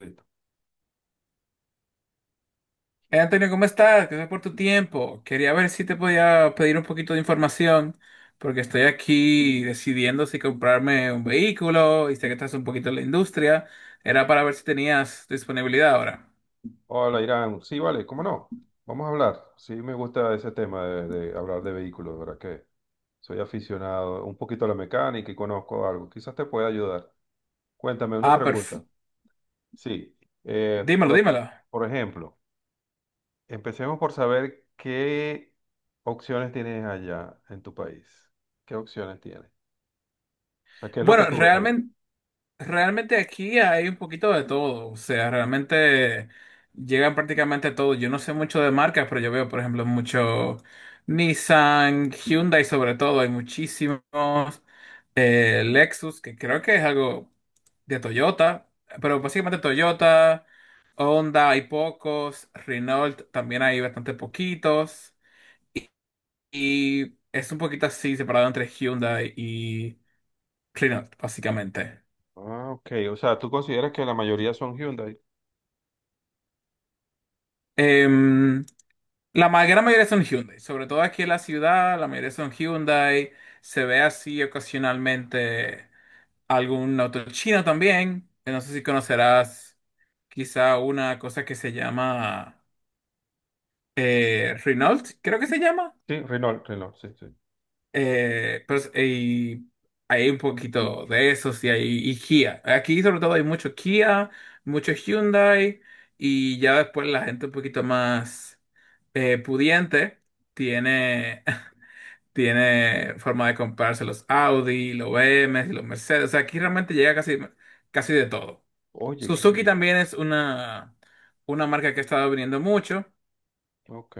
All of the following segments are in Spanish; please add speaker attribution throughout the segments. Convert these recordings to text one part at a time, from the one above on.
Speaker 1: Listo.
Speaker 2: Antonio, ¿cómo estás? Gracias por tu tiempo. Quería ver si te podía pedir un poquito de información, porque estoy aquí decidiendo si comprarme un vehículo y sé que estás un poquito en la industria. Era para ver si tenías disponibilidad ahora.
Speaker 1: Hola, Irán. Sí, vale, cómo no. Vamos a hablar. Sí, me gusta ese tema de hablar de vehículos, de verdad que soy aficionado un poquito a la mecánica y conozco algo. Quizás te pueda ayudar. Cuéntame una
Speaker 2: Ah,
Speaker 1: pregunta.
Speaker 2: perfecto.
Speaker 1: Sí, eh,
Speaker 2: Dímelo,
Speaker 1: por,
Speaker 2: dímelo.
Speaker 1: por ejemplo, empecemos por saber qué opciones tienes allá en tu país. ¿Qué opciones tienes? O sea, ¿qué es lo que
Speaker 2: Bueno,
Speaker 1: tú ves allá?
Speaker 2: realmente realmente aquí hay un poquito de todo, o sea, realmente llegan prácticamente todo. Yo no sé mucho de marcas, pero yo veo, por ejemplo, mucho Nissan, Hyundai sobre todo, hay muchísimos, Lexus, que creo que es algo de Toyota, pero básicamente Toyota, Honda hay pocos, Renault también hay bastante poquitos, y es un poquito así separado entre Hyundai y Renault, básicamente.
Speaker 1: Ah, ok. O sea, ¿tú consideras que la mayoría son Hyundai?
Speaker 2: Em, gran mayoría son Hyundai, sobre todo aquí en la ciudad, la mayoría son Hyundai. Se ve así ocasionalmente algún auto chino también. No sé si conocerás quizá una cosa que se llama Renault, creo que se llama.
Speaker 1: Sí, Renault, Renault, sí, sí.
Speaker 2: Y hay un poquito de eso, sí, hay, y Kia. Aquí sobre todo hay mucho Kia, mucho Hyundai y ya después la gente un poquito más pudiente tiene tiene forma de comprarse los Audi, los BMW, los Mercedes. O sea, aquí realmente llega casi, casi de todo.
Speaker 1: Oye, qué
Speaker 2: Suzuki
Speaker 1: bien.
Speaker 2: también es una marca que ha estado viniendo mucho.
Speaker 1: Ok.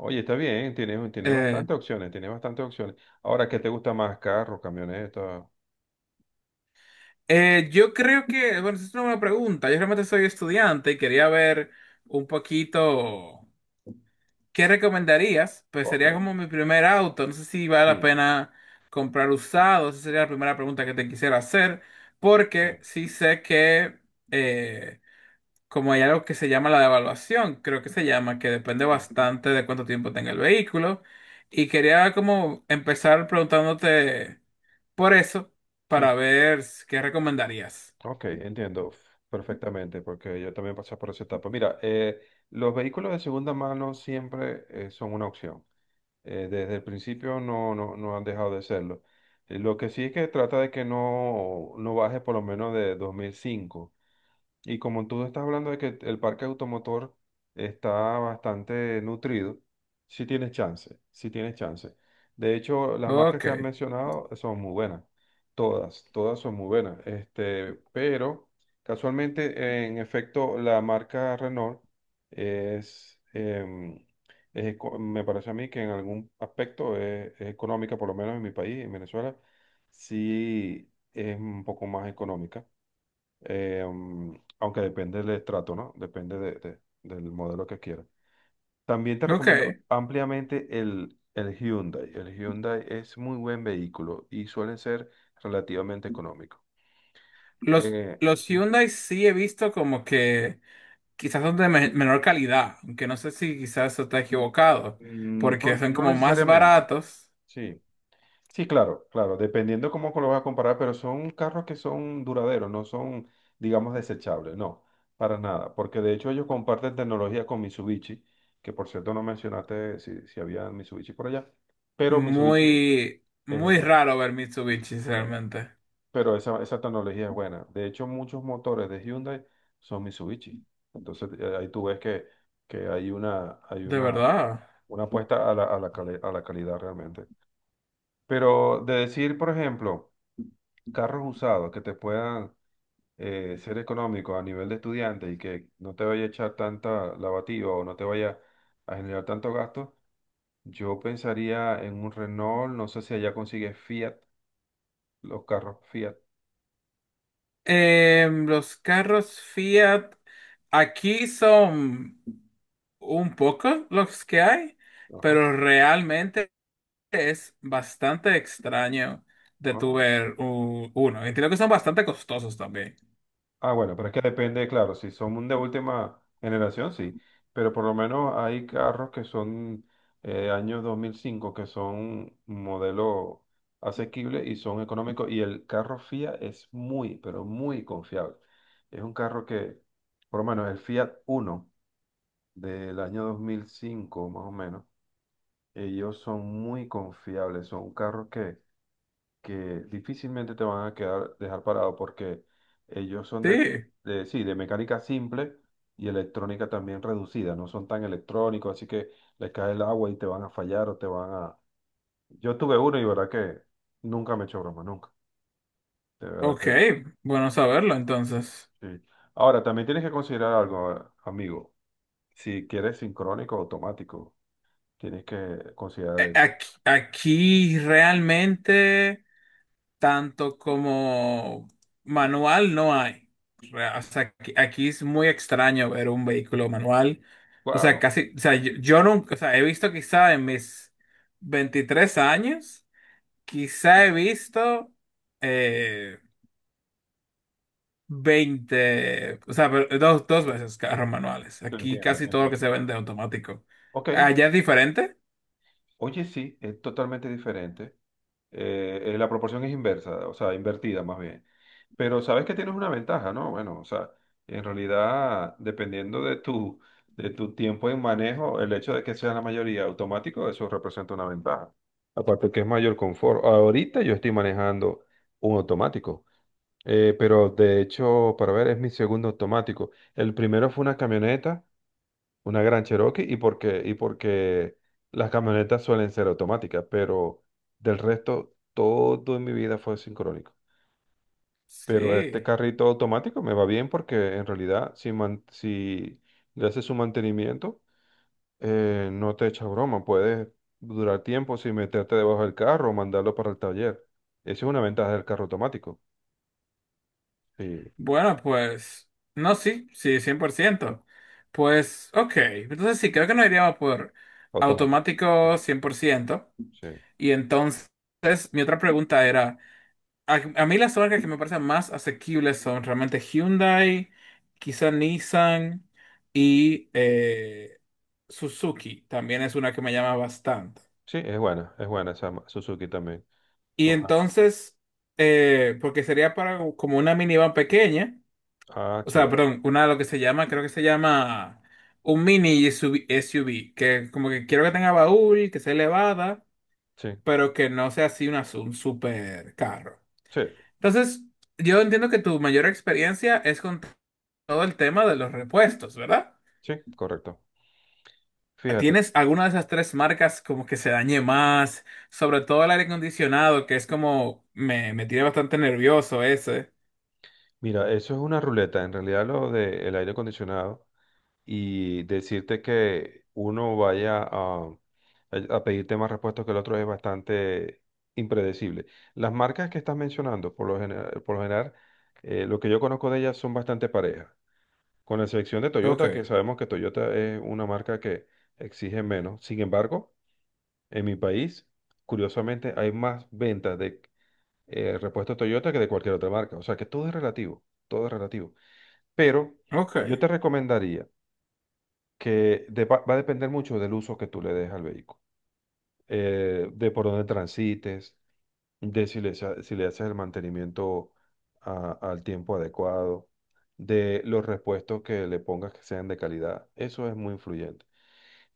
Speaker 1: Oye, está bien, tiene
Speaker 2: Eh,
Speaker 1: bastantes opciones, tiene bastantes opciones. Ahora, ¿qué te gusta más? Carro, camioneta.
Speaker 2: yo creo que, bueno, esa es una buena pregunta. Yo realmente soy estudiante y quería ver un poquito qué recomendarías. Pues
Speaker 1: Ok,
Speaker 2: sería como mi primer auto. No sé si vale la
Speaker 1: sí.
Speaker 2: pena comprar usado. Esa sería la primera pregunta que te quisiera hacer. Porque
Speaker 1: Ok,
Speaker 2: sí sé que... eh, como hay algo que se llama la devaluación, creo que se llama, que depende
Speaker 1: sí,
Speaker 2: bastante de cuánto tiempo tenga el vehículo. Y quería como empezar preguntándote por eso, para
Speaker 1: sí,
Speaker 2: ver qué recomendarías.
Speaker 1: ok, entiendo perfectamente, porque yo también pasé por esa etapa. Mira, los vehículos de segunda mano siempre son una opción. Desde el principio no, no, no han dejado de serlo. Lo que sí es que trata de que no baje por lo menos de 2005. Y como tú estás hablando de que el parque automotor está bastante nutrido, sí tienes chance, sí tienes chance. De hecho, las marcas
Speaker 2: Ok,
Speaker 1: que has mencionado son muy buenas, todas, todas son muy buenas. Este, pero casualmente, en efecto, la marca Renault es, em, es eco- me parece a mí que en algún aspecto es económica, por lo menos en mi país, en Venezuela, sí es un poco más económica, eh, mm, aunque depende del estrato, ¿no? Depende del modelo que quieras. También te
Speaker 2: ok.
Speaker 1: recomiendo ampliamente el Hyundai. El Hyundai es muy buen vehículo y suele ser relativamente económico.
Speaker 2: Los, los
Speaker 1: Sí.
Speaker 2: Hyundai sí he visto como que quizás son de menor calidad, aunque no sé si quizás eso está equivocado,
Speaker 1: Mm,
Speaker 2: porque
Speaker 1: no,
Speaker 2: son
Speaker 1: no
Speaker 2: como más
Speaker 1: necesariamente,
Speaker 2: baratos,
Speaker 1: sí. Sí, claro, claro, dependiendo cómo lo vas a comparar, pero son carros que son duraderos, no son, digamos, desechables, no, para nada, porque de hecho ellos comparten tecnología con Mitsubishi, que por cierto no mencionaste si había Mitsubishi por allá, pero Mitsubishi
Speaker 2: muy,
Speaker 1: es
Speaker 2: muy
Speaker 1: buena, o
Speaker 2: raro ver Mitsubishi
Speaker 1: sea,
Speaker 2: realmente,
Speaker 1: pero esa tecnología es buena. De hecho, muchos motores de Hyundai son Mitsubishi, entonces ahí tú ves que, que hay una, hay
Speaker 2: de
Speaker 1: una,
Speaker 2: verdad.
Speaker 1: una apuesta a la calidad realmente. Pero de decir, por ejemplo, carros usados que te puedan ser económicos a nivel de estudiante y que no te vaya a echar tanta lavativa o no te vaya a generar tanto gasto, yo pensaría en un Renault, no sé si allá consigues Fiat, los carros Fiat.
Speaker 2: Los carros Fiat aquí son un poco los que hay,
Speaker 1: Ajá.
Speaker 2: pero realmente es bastante extraño de tu
Speaker 1: Ah,
Speaker 2: ver uno. Entiendo que son bastante costosos también.
Speaker 1: Bueno, pero es que depende, claro, si son de última generación, sí, pero por lo menos hay carros que son año 2005, que son un modelo asequible y son económicos, y el carro Fiat es muy, pero muy confiable. Es un carro que, por lo menos el Fiat Uno del año 2005, más o menos, ellos son muy confiables, son carros que difícilmente te van a quedar, dejar parado, porque ellos son de,
Speaker 2: Sí,
Speaker 1: de, sí, de mecánica simple y electrónica también reducida, no son tan electrónicos, así que les cae el agua y te van a fallar o te van a... Yo tuve uno y verdad que nunca me echó broma, nunca, de verdad
Speaker 2: ok,
Speaker 1: que
Speaker 2: bueno saberlo entonces.
Speaker 1: sí. Ahora, también tienes que considerar algo, amigo, si quieres sincrónico o automático, tienes que considerar
Speaker 2: Eh,
Speaker 1: eso.
Speaker 2: Aquí, aquí realmente... tanto como manual no hay. O sea, aquí, aquí es muy extraño ver un vehículo manual. O sea,
Speaker 1: Wow,
Speaker 2: casi, o sea, yo nunca, o sea, he visto quizá en mis 23 años, quizá he visto, eh, 20, o sea, pero dos, dos veces carros manuales.
Speaker 1: te
Speaker 2: Aquí
Speaker 1: entiendo, te
Speaker 2: casi todo lo que
Speaker 1: entiendo.
Speaker 2: se vende es automático.
Speaker 1: Ok,
Speaker 2: ¿Allá es diferente?
Speaker 1: oye, sí, es totalmente diferente. La proporción es inversa, o sea, invertida más bien. Pero sabes que tienes una ventaja, ¿no? Bueno, o sea, en realidad, dependiendo de tu tiempo en manejo, el hecho de que sea la mayoría automático, eso representa una ventaja. Aparte que es mayor confort. Ahorita yo estoy manejando un automático, pero de hecho, para ver, es mi segundo automático. El primero fue una camioneta. Una gran Cherokee y porque las camionetas suelen ser automáticas, pero del resto todo en mi vida fue sincrónico. Pero este
Speaker 2: Sí.
Speaker 1: carrito automático me va bien porque en realidad si le haces su mantenimiento, no te echa broma, puedes durar tiempo sin meterte debajo del carro o mandarlo para el taller. Esa es una ventaja del carro automático. Sí,
Speaker 2: Bueno, pues, no, sí, sí, 100%. Pues, ok, entonces sí, creo que nos iríamos por
Speaker 1: automático. Sí,
Speaker 2: automático 100%.
Speaker 1: sí,
Speaker 2: Y entonces, mi otra pregunta era, a mí las marcas que me parecen más asequibles son realmente Hyundai, quizá Nissan y Suzuki, también es una que me llama bastante.
Speaker 1: sí, es buena esa Suzuki también.
Speaker 2: Y
Speaker 1: Son, ah,
Speaker 2: entonces, porque sería para como una minivan pequeña, o sea,
Speaker 1: Chévere.
Speaker 2: perdón, una de lo que se llama, creo que se llama un mini SUV, SUV, que como que quiero que tenga baúl, que sea elevada,
Speaker 1: Sí,
Speaker 2: pero que no sea así una, un super carro.
Speaker 1: sí.
Speaker 2: Entonces, yo entiendo que tu mayor experiencia es con todo el tema de los repuestos, ¿verdad?
Speaker 1: Sí, correcto. Fíjate,
Speaker 2: ¿Tienes alguna de esas tres marcas como que se dañe más? Sobre todo el aire acondicionado, que es como me tiene bastante nervioso ese.
Speaker 1: mira, eso es una ruleta, en realidad lo del aire acondicionado y decirte que uno vaya a, pedirte más repuestos que el otro es bastante impredecible. Las marcas que estás mencionando, por lo general, lo que yo conozco de ellas son bastante parejas, con la excepción de Toyota, que
Speaker 2: Ok,
Speaker 1: sabemos que Toyota es una marca que exige menos. Sin embargo, en mi país, curiosamente, hay más ventas de repuesto Toyota que de cualquier otra marca. O sea que todo es relativo, todo es relativo. Pero
Speaker 2: ok.
Speaker 1: yo te recomendaría que va a depender mucho del uso que tú le des al vehículo, de por dónde transites, de si le haces el mantenimiento al tiempo adecuado, de los repuestos que le pongas que sean de calidad. Eso es muy influyente.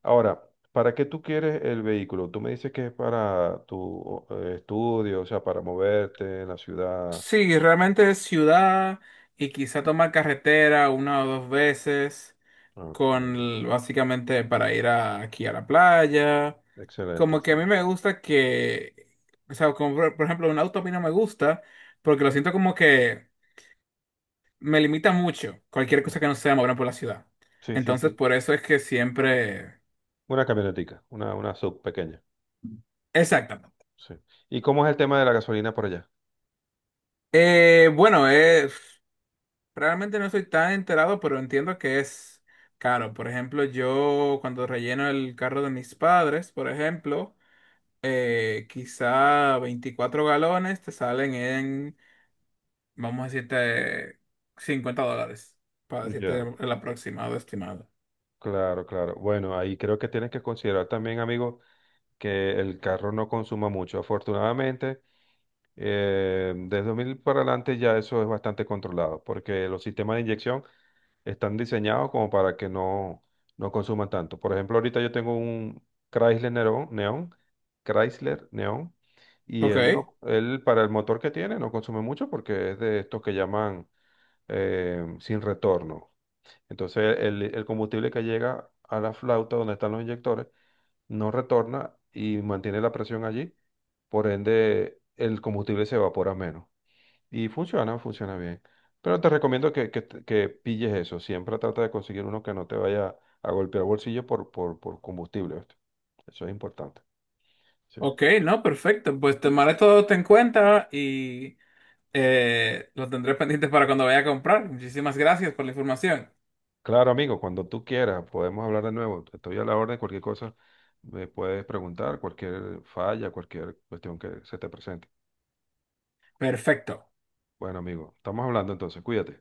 Speaker 1: Ahora, ¿para qué tú quieres el vehículo? Tú me dices que es para tu estudio, o sea, para moverte en la ciudad.
Speaker 2: Sí, realmente es ciudad y quizá tomar carretera una o dos veces.
Speaker 1: Ok.
Speaker 2: Básicamente para ir aquí a la playa.
Speaker 1: Excelente,
Speaker 2: Como que
Speaker 1: sí.
Speaker 2: a mí me gusta que, o sea, como por ejemplo, un auto a mí no me gusta porque lo siento como que me limita mucho cualquier cosa que no sea moverme por la ciudad.
Speaker 1: Sí, sí, sí.
Speaker 2: Entonces,
Speaker 1: Sí.
Speaker 2: por eso es que siempre...
Speaker 1: Una camionetica, una sub pequeña.
Speaker 2: Exactamente.
Speaker 1: Sí. ¿Y cómo es el tema de la gasolina por allá?
Speaker 2: Bueno, realmente no soy tan enterado, pero entiendo que es caro. Por ejemplo, yo cuando relleno el carro de mis padres, por ejemplo, quizá 24 galones te salen en, vamos a decirte, $50, para decirte
Speaker 1: Ya.
Speaker 2: el aproximado estimado.
Speaker 1: Claro, claro. Bueno, ahí creo que tienes que considerar también, amigo, que el carro no consuma mucho. Afortunadamente, desde 2000 para adelante ya eso es bastante controlado, porque los sistemas de inyección están diseñados como para que no consuman tanto. Por ejemplo, ahorita yo tengo un Chrysler Neon, Neon, Chrysler Neon, y
Speaker 2: Ok,
Speaker 1: él no, él para el motor que tiene no consume mucho porque es de estos que llaman sin retorno. Entonces el combustible que llega a la flauta donde están los inyectores no retorna y mantiene la presión allí, por ende el combustible se evapora menos. Y funciona, funciona bien. Pero te recomiendo que, que pilles eso. Siempre trata de conseguir uno que no te vaya a golpear bolsillo por combustible. ¿Oíste? Eso es importante. Sí.
Speaker 2: ok, no, perfecto. Pues tomaré todo esto en cuenta y lo tendré pendiente para cuando vaya a comprar. Muchísimas gracias por la información.
Speaker 1: Claro, amigo, cuando tú quieras, podemos hablar de nuevo. Estoy a la orden, cualquier cosa me puedes preguntar, cualquier falla, cualquier cuestión que se te presente.
Speaker 2: Perfecto.
Speaker 1: Bueno, amigo, estamos hablando entonces, cuídate.